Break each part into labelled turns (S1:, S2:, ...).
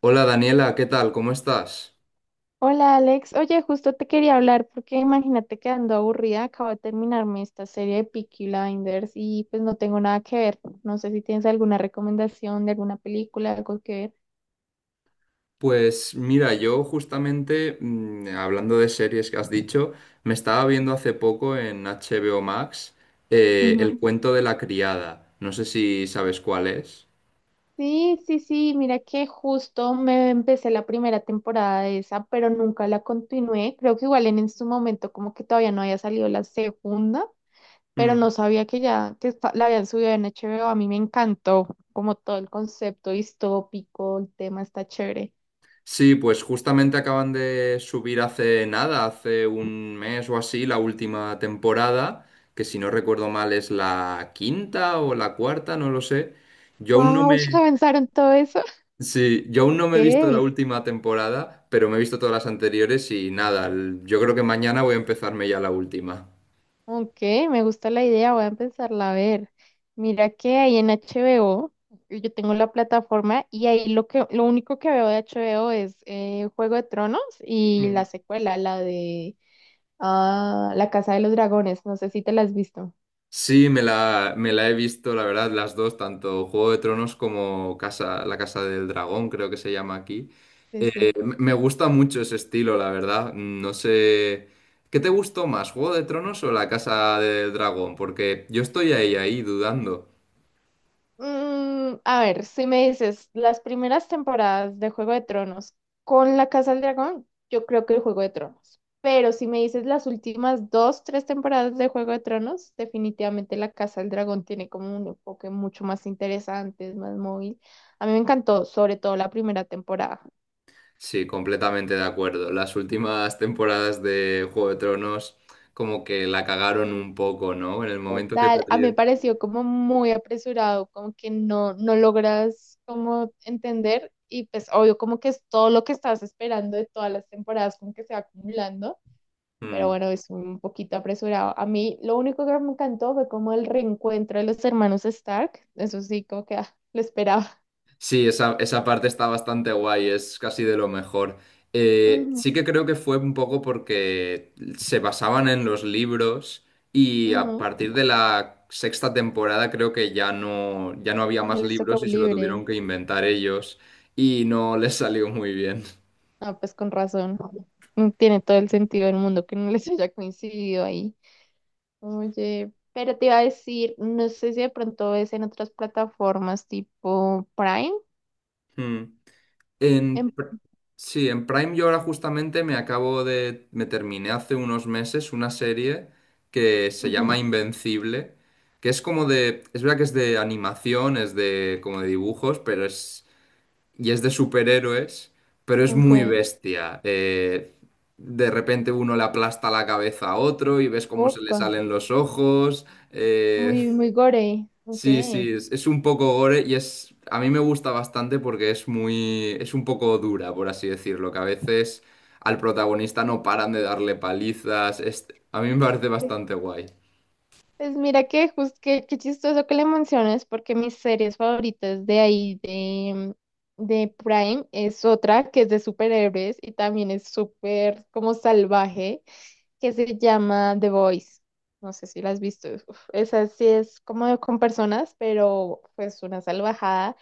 S1: Hola Daniela, ¿qué tal? ¿Cómo estás?
S2: Hola Alex, oye, justo te quería hablar porque imagínate que ando aburrida, acabo de terminarme esta serie de Peaky Blinders y pues no tengo nada que ver. No sé si tienes alguna recomendación de alguna película, algo que ver.
S1: Pues mira, yo justamente, hablando de series que has dicho, me estaba viendo hace poco en HBO Max
S2: Ujú.
S1: El cuento de la criada. No sé si sabes cuál es.
S2: Sí, sí, sí, mira que justo me empecé la primera temporada de esa, pero nunca la continué. Creo que igual en su momento como que todavía no había salido la segunda, pero
S1: Mm.
S2: no sabía que ya que la habían subido en HBO. A mí me encantó como todo el concepto distópico, el tema está chévere.
S1: Sí, pues justamente acaban de subir hace nada, hace un mes o así, la última temporada, que si no recuerdo mal es la quinta o la cuarta, no lo sé. Yo aún no
S2: Wow, ya
S1: me...
S2: pensaron todo eso.
S1: Sí, yo aún no
S2: Ok,
S1: me he visto la última temporada, pero me he visto todas las anteriores y nada, yo creo que mañana voy a empezarme ya la última.
S2: ok, me gusta la idea, voy a empezarla a ver. Mira que ahí en HBO, yo tengo la plataforma y ahí lo que, lo único que veo de HBO es Juego de Tronos y la
S1: Mm.
S2: secuela, la de ah, La Casa de los Dragones. No sé si te la has visto.
S1: Sí, me la he visto, la verdad, las dos, tanto Juego de Tronos como La Casa del Dragón, creo que se llama aquí.
S2: Sí, sí.
S1: Me gusta mucho ese estilo, la verdad. No sé, ¿qué te gustó más, Juego de Tronos o La Casa del Dragón? Porque yo estoy ahí dudando.
S2: Mm, a ver, si me dices las primeras temporadas de Juego de Tronos con la Casa del Dragón, yo creo que el Juego de Tronos. Pero si me dices las últimas dos, tres temporadas de Juego de Tronos, definitivamente la Casa del Dragón tiene como un enfoque mucho más interesante, es más móvil. A mí me encantó, sobre todo la primera temporada.
S1: Sí, completamente de acuerdo. Las últimas temporadas de Juego de Tronos como que la cagaron un poco, ¿no? En el momento que
S2: Total, a mí me
S1: perdí.
S2: pareció como muy apresurado, como que no, no logras como entender y pues obvio como que es todo lo que estás esperando de todas las temporadas como que se va acumulando, pero
S1: Mm.
S2: bueno, es un poquito apresurado. A mí lo único que me encantó fue como el reencuentro de los hermanos Stark, eso sí, como que ah, lo esperaba.
S1: Sí, esa parte está bastante guay, es casi de lo mejor.
S2: Ujú,
S1: Sí que creo que fue un poco porque se basaban en los libros y a
S2: ujú.
S1: partir de la sexta temporada creo que ya no había
S2: Ya
S1: más
S2: les tocó
S1: libros y se lo
S2: libre.
S1: tuvieron que inventar ellos y no les salió muy bien.
S2: Ah, pues con razón. No tiene todo el sentido del mundo que no les haya coincidido ahí. Oye, pero te iba a decir, no sé si de pronto ves en otras plataformas tipo Prime.
S1: Mm.
S2: En-
S1: En, pr- sí, en Prime yo ahora justamente me terminé hace unos meses una serie que se
S2: Ujú.
S1: llama Invencible, que es como de, es verdad que es de animación, es de como de dibujos, pero es, y es de superhéroes, pero es
S2: Ok.
S1: muy bestia. De repente uno le aplasta la cabeza a otro y ves cómo se le
S2: Opa,
S1: salen los ojos. eh,
S2: muy, muy gore. Ok.
S1: Sí, es un poco gore y es, a mí me gusta bastante porque es muy, es un poco dura, por así decirlo, que a veces al protagonista no paran de darle palizas. A mí me parece bastante guay.
S2: Pues mira que justo que, qué chistoso que le menciones porque mis series favoritas de ahí de Prime es otra que es de superhéroes y también es súper como salvaje, que se llama The Voice. No sé si la has visto. Uf, esa sí es como con personas, pero pues una salvajada.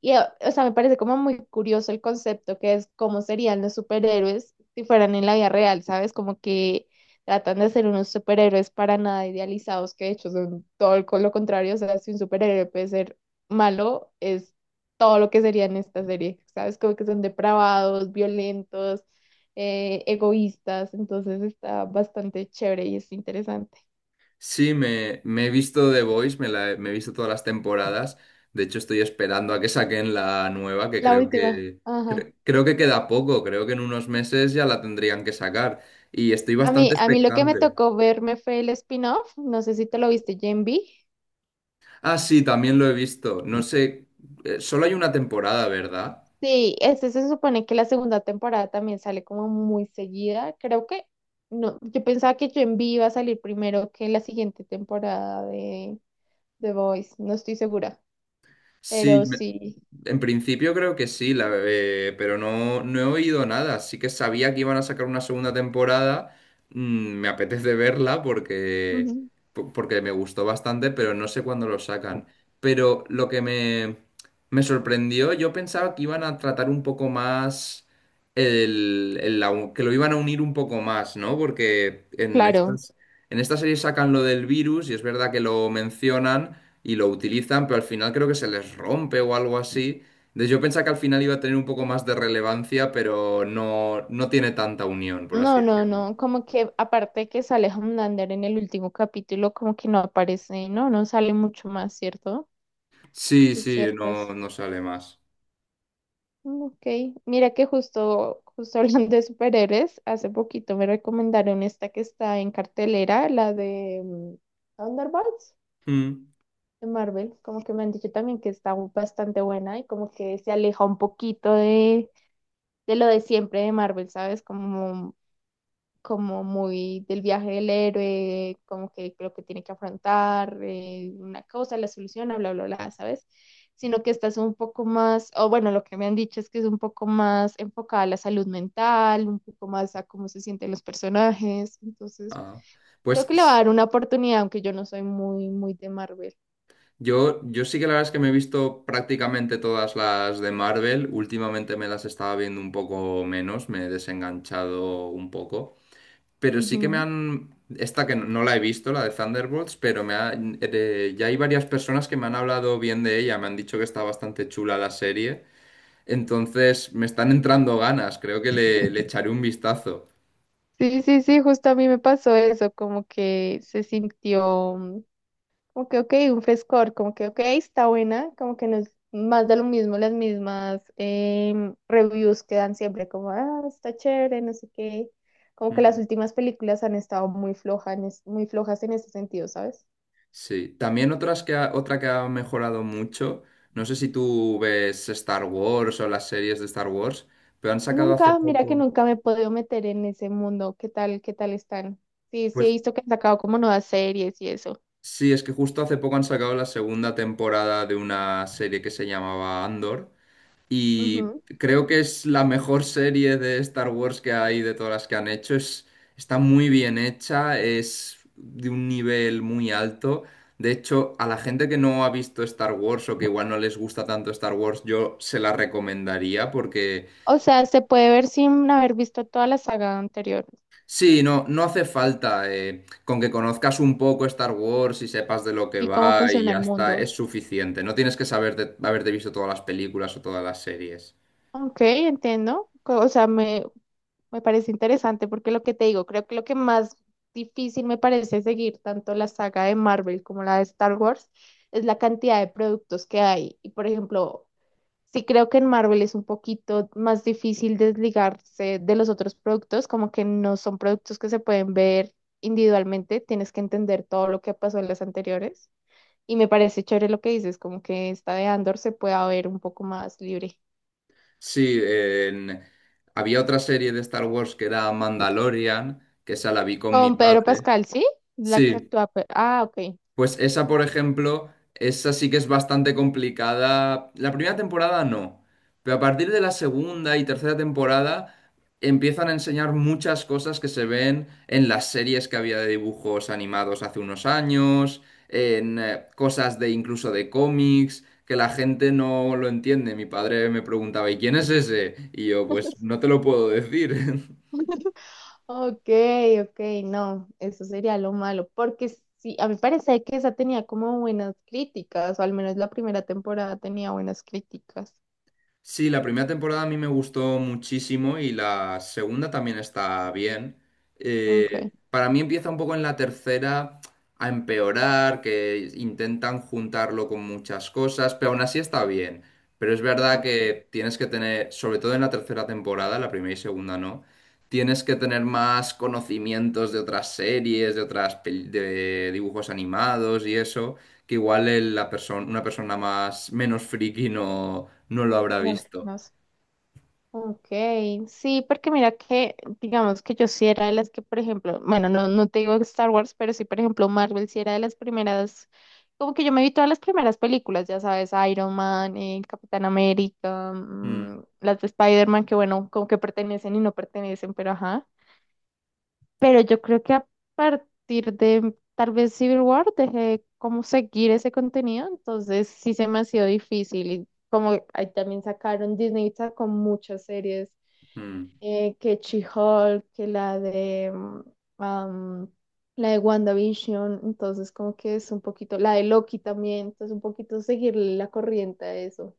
S2: Y, o sea, me parece como muy curioso el concepto que es cómo serían los superhéroes si fueran en la vida real, ¿sabes? Como que tratan de ser unos superhéroes para nada idealizados, que de hecho son con lo contrario. O sea, si un superhéroe puede ser malo, es todo lo que sería en esta serie, ¿sabes? Como que son depravados, violentos, egoístas. Entonces está bastante chévere y es interesante.
S1: Sí, me he visto The Voice, me he visto todas las temporadas. De hecho, estoy esperando a que saquen la nueva, que
S2: La
S1: creo
S2: última.
S1: que,
S2: Ajá.
S1: cre- creo que queda poco, creo que en unos meses ya la tendrían que sacar. Y estoy
S2: A mí,
S1: bastante
S2: a mí lo que me
S1: expectante.
S2: tocó verme fue el spin-off, no sé si te lo viste, Gen V.
S1: Ah, sí, también lo he visto. No sé, solo hay una temporada, ¿verdad?
S2: Sí, este se supone que la segunda temporada también sale como muy seguida. Creo que no, yo pensaba que Gen V iba a salir primero que la siguiente temporada de The Voice, no estoy segura,
S1: Sí,
S2: pero sí.
S1: en principio creo que sí, pero no, no he oído nada. Sí que sabía que iban a sacar una segunda temporada. Mm, me apetece verla porque,
S2: Ujú.
S1: po- porque me gustó bastante, pero no sé cuándo lo sacan. Pero me sorprendió, yo pensaba que iban a tratar un poco más que lo iban a unir un poco más, ¿no? Porque en
S2: Claro.
S1: en esta serie sacan lo del virus y es verdad que lo mencionan y lo utilizan, pero al final creo que se les rompe o algo así. Entonces yo pensaba que al final iba a tener un poco más de relevancia, pero no, no tiene tanta unión, por así
S2: No, no,
S1: decirlo.
S2: no, como que aparte que sale Homelander en el último capítulo, como que no aparece, no, no sale mucho más, ¿cierto? Sí,
S1: Sí,
S2: es cierto eso.
S1: no sale más.
S2: Mm, ok, mira que justo, justo hablando de superhéroes, hace poquito me recomendaron esta que está en cartelera, la de Thunderbolts
S1: Mm.
S2: de Marvel, como que me han dicho también que está bastante buena y como que se aleja un poquito de lo de siempre de Marvel, ¿sabes? Como como muy del viaje del héroe, como que lo que tiene que afrontar, una cosa, la soluciona, bla, bla, bla, ¿sabes? Sino que estás un poco más, o bueno, lo que me han dicho es que es un poco más enfocada a la salud mental, un poco más a cómo se sienten los personajes, entonces
S1: Ah.
S2: creo
S1: Pues
S2: que le va a
S1: s-
S2: dar una oportunidad, aunque yo no soy muy, muy de Marvel.
S1: yo, yo sí que la verdad es que me he visto prácticamente todas las de Marvel. Últimamente me las estaba viendo un poco menos, me he desenganchado un poco. Pero sí que me
S2: Ujú.
S1: han... Esta que no la he visto, la de Thunderbolts, ya hay varias personas que me han hablado bien de ella, me han dicho que está bastante chula la serie, entonces me están entrando ganas, creo que le echaré un vistazo.
S2: Sí, sí, sí, justo a mí me pasó eso, como que se sintió como que, ok, un frescor, como que, ok, está buena, como que no es más de lo mismo, las mismas reviews que dan siempre, como, ah, está chévere, no sé qué. Como que las
S1: Mm.
S2: últimas películas han estado muy flojas en ese sentido, ¿sabes?
S1: Sí, también otra que ha mejorado mucho, no sé si tú ves Star Wars o las series de Star Wars, pero han sacado hace
S2: Nunca, mira que
S1: poco,
S2: nunca me he podido meter en ese mundo, qué tal están? Sí, sí he
S1: pues
S2: visto que han sacado como nuevas series y eso.
S1: sí, es que justo hace poco han sacado la segunda temporada de una serie que se llamaba Andor. Y
S2: Ujú.
S1: creo que es la mejor serie de Star Wars que hay de todas las que han hecho. Está muy bien hecha, es de un nivel muy alto. De hecho, a la gente que no ha visto Star Wars o que igual no les gusta tanto Star Wars, yo se la recomendaría porque
S2: O sea, se puede ver sin haber visto toda la saga anterior
S1: sí, no, no hace falta. Con que conozcas un poco Star Wars y sepas de lo que
S2: y cómo
S1: va y
S2: funciona
S1: ya
S2: el
S1: está, es
S2: mundo.
S1: suficiente. No tienes que saber haberte visto todas las películas o todas las series.
S2: Ok, entiendo. O sea, me parece interesante porque lo que te digo, creo que lo que más difícil me parece seguir tanto la saga de Marvel como la de Star Wars es la cantidad de productos que hay. Y por ejemplo, sí creo que en Marvel es un poquito más difícil desligarse de los otros productos, como que no son productos que se pueden ver individualmente, tienes que entender todo lo que pasó en las anteriores. Y me parece chévere lo que dices, como que esta de Andor se pueda ver un poco más libre.
S1: Sí, había otra serie de Star Wars que era Mandalorian, que esa la vi con mi
S2: Con Pedro
S1: padre.
S2: Pascal, ¿sí? La que
S1: Sí,
S2: actúa. Ah, ok.
S1: pues esa, por ejemplo, esa sí que es bastante complicada. La primera temporada no, pero a partir de la segunda y tercera temporada empiezan a enseñar muchas cosas que se ven en las series que había de dibujos animados hace unos años, en cosas de incluso de cómics, que la gente no lo entiende. Mi padre me preguntaba, ¿y quién es ese? Y yo, pues no te lo puedo decir.
S2: Ok, ok, no, eso sería lo malo, porque sí, a mí parece que esa tenía como buenas críticas, o al menos la primera temporada tenía buenas críticas.
S1: Sí, la primera temporada a mí me gustó muchísimo y la segunda también está bien.
S2: Ok,
S1: Para mí empieza un poco en la tercera a empeorar, que intentan juntarlo con muchas cosas, pero aún así está bien. Pero es verdad
S2: ok,
S1: que tienes que tener, sobre todo en la tercera temporada, la primera y segunda no, tienes que tener más conocimientos de otras series, de de dibujos animados y eso, que igual la persona, una persona más menos friki no, no lo habrá
S2: no,
S1: visto.
S2: no sé. Ok, sí, porque mira que, digamos que yo sí era de las que, por ejemplo, bueno, no, no te digo Star Wars, pero sí, por ejemplo, Marvel sí era de las primeras, como que yo me vi todas las primeras películas, ya sabes, Iron Man, Capitán América,
S1: Mm,
S2: las de Spider-Man, que bueno, como que pertenecen y no pertenecen, pero ajá. Pero yo creo que a partir de tal vez Civil War dejé de como seguir ese contenido, entonces sí se me ha sido difícil. Y como ahí también sacaron, Disney sacó muchas series,
S1: mm.
S2: que She-Hulk, que la de am, la de WandaVision, entonces como que es un poquito, la de Loki también, entonces un poquito seguir la corriente a eso.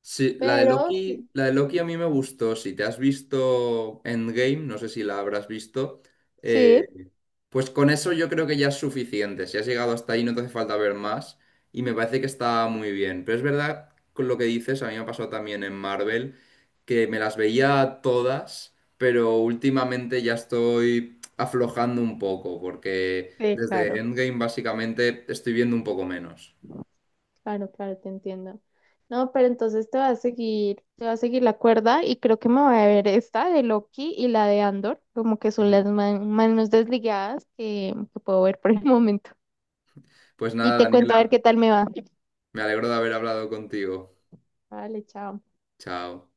S1: Sí,
S2: Pero sí,
S1: La de Loki a mí me gustó. Si te has visto Endgame, no sé si la habrás visto,
S2: sí,
S1: eh, pues con eso yo creo que ya es suficiente. Si has llegado hasta ahí, no te hace falta ver más. Y me parece que está muy bien. Pero es verdad, con lo que dices, a mí me ha pasado también en Marvel, que me las veía todas, pero últimamente ya estoy aflojando un poco, porque
S2: sí,
S1: desde
S2: claro.
S1: Endgame básicamente estoy viendo un poco menos.
S2: Claro, claro, te entiendo. No, pero entonces te va a seguir, te va a seguir la cuerda y creo que me voy a ver esta de Loki y la de Andor, como que son
S1: Mm.
S2: las manos desligadas que puedo ver por el momento.
S1: Pues
S2: Y
S1: nada,
S2: te cuento a ver
S1: Daniela,
S2: qué tal me va.
S1: me alegro de haber hablado contigo.
S2: Vale, chao.
S1: Chao.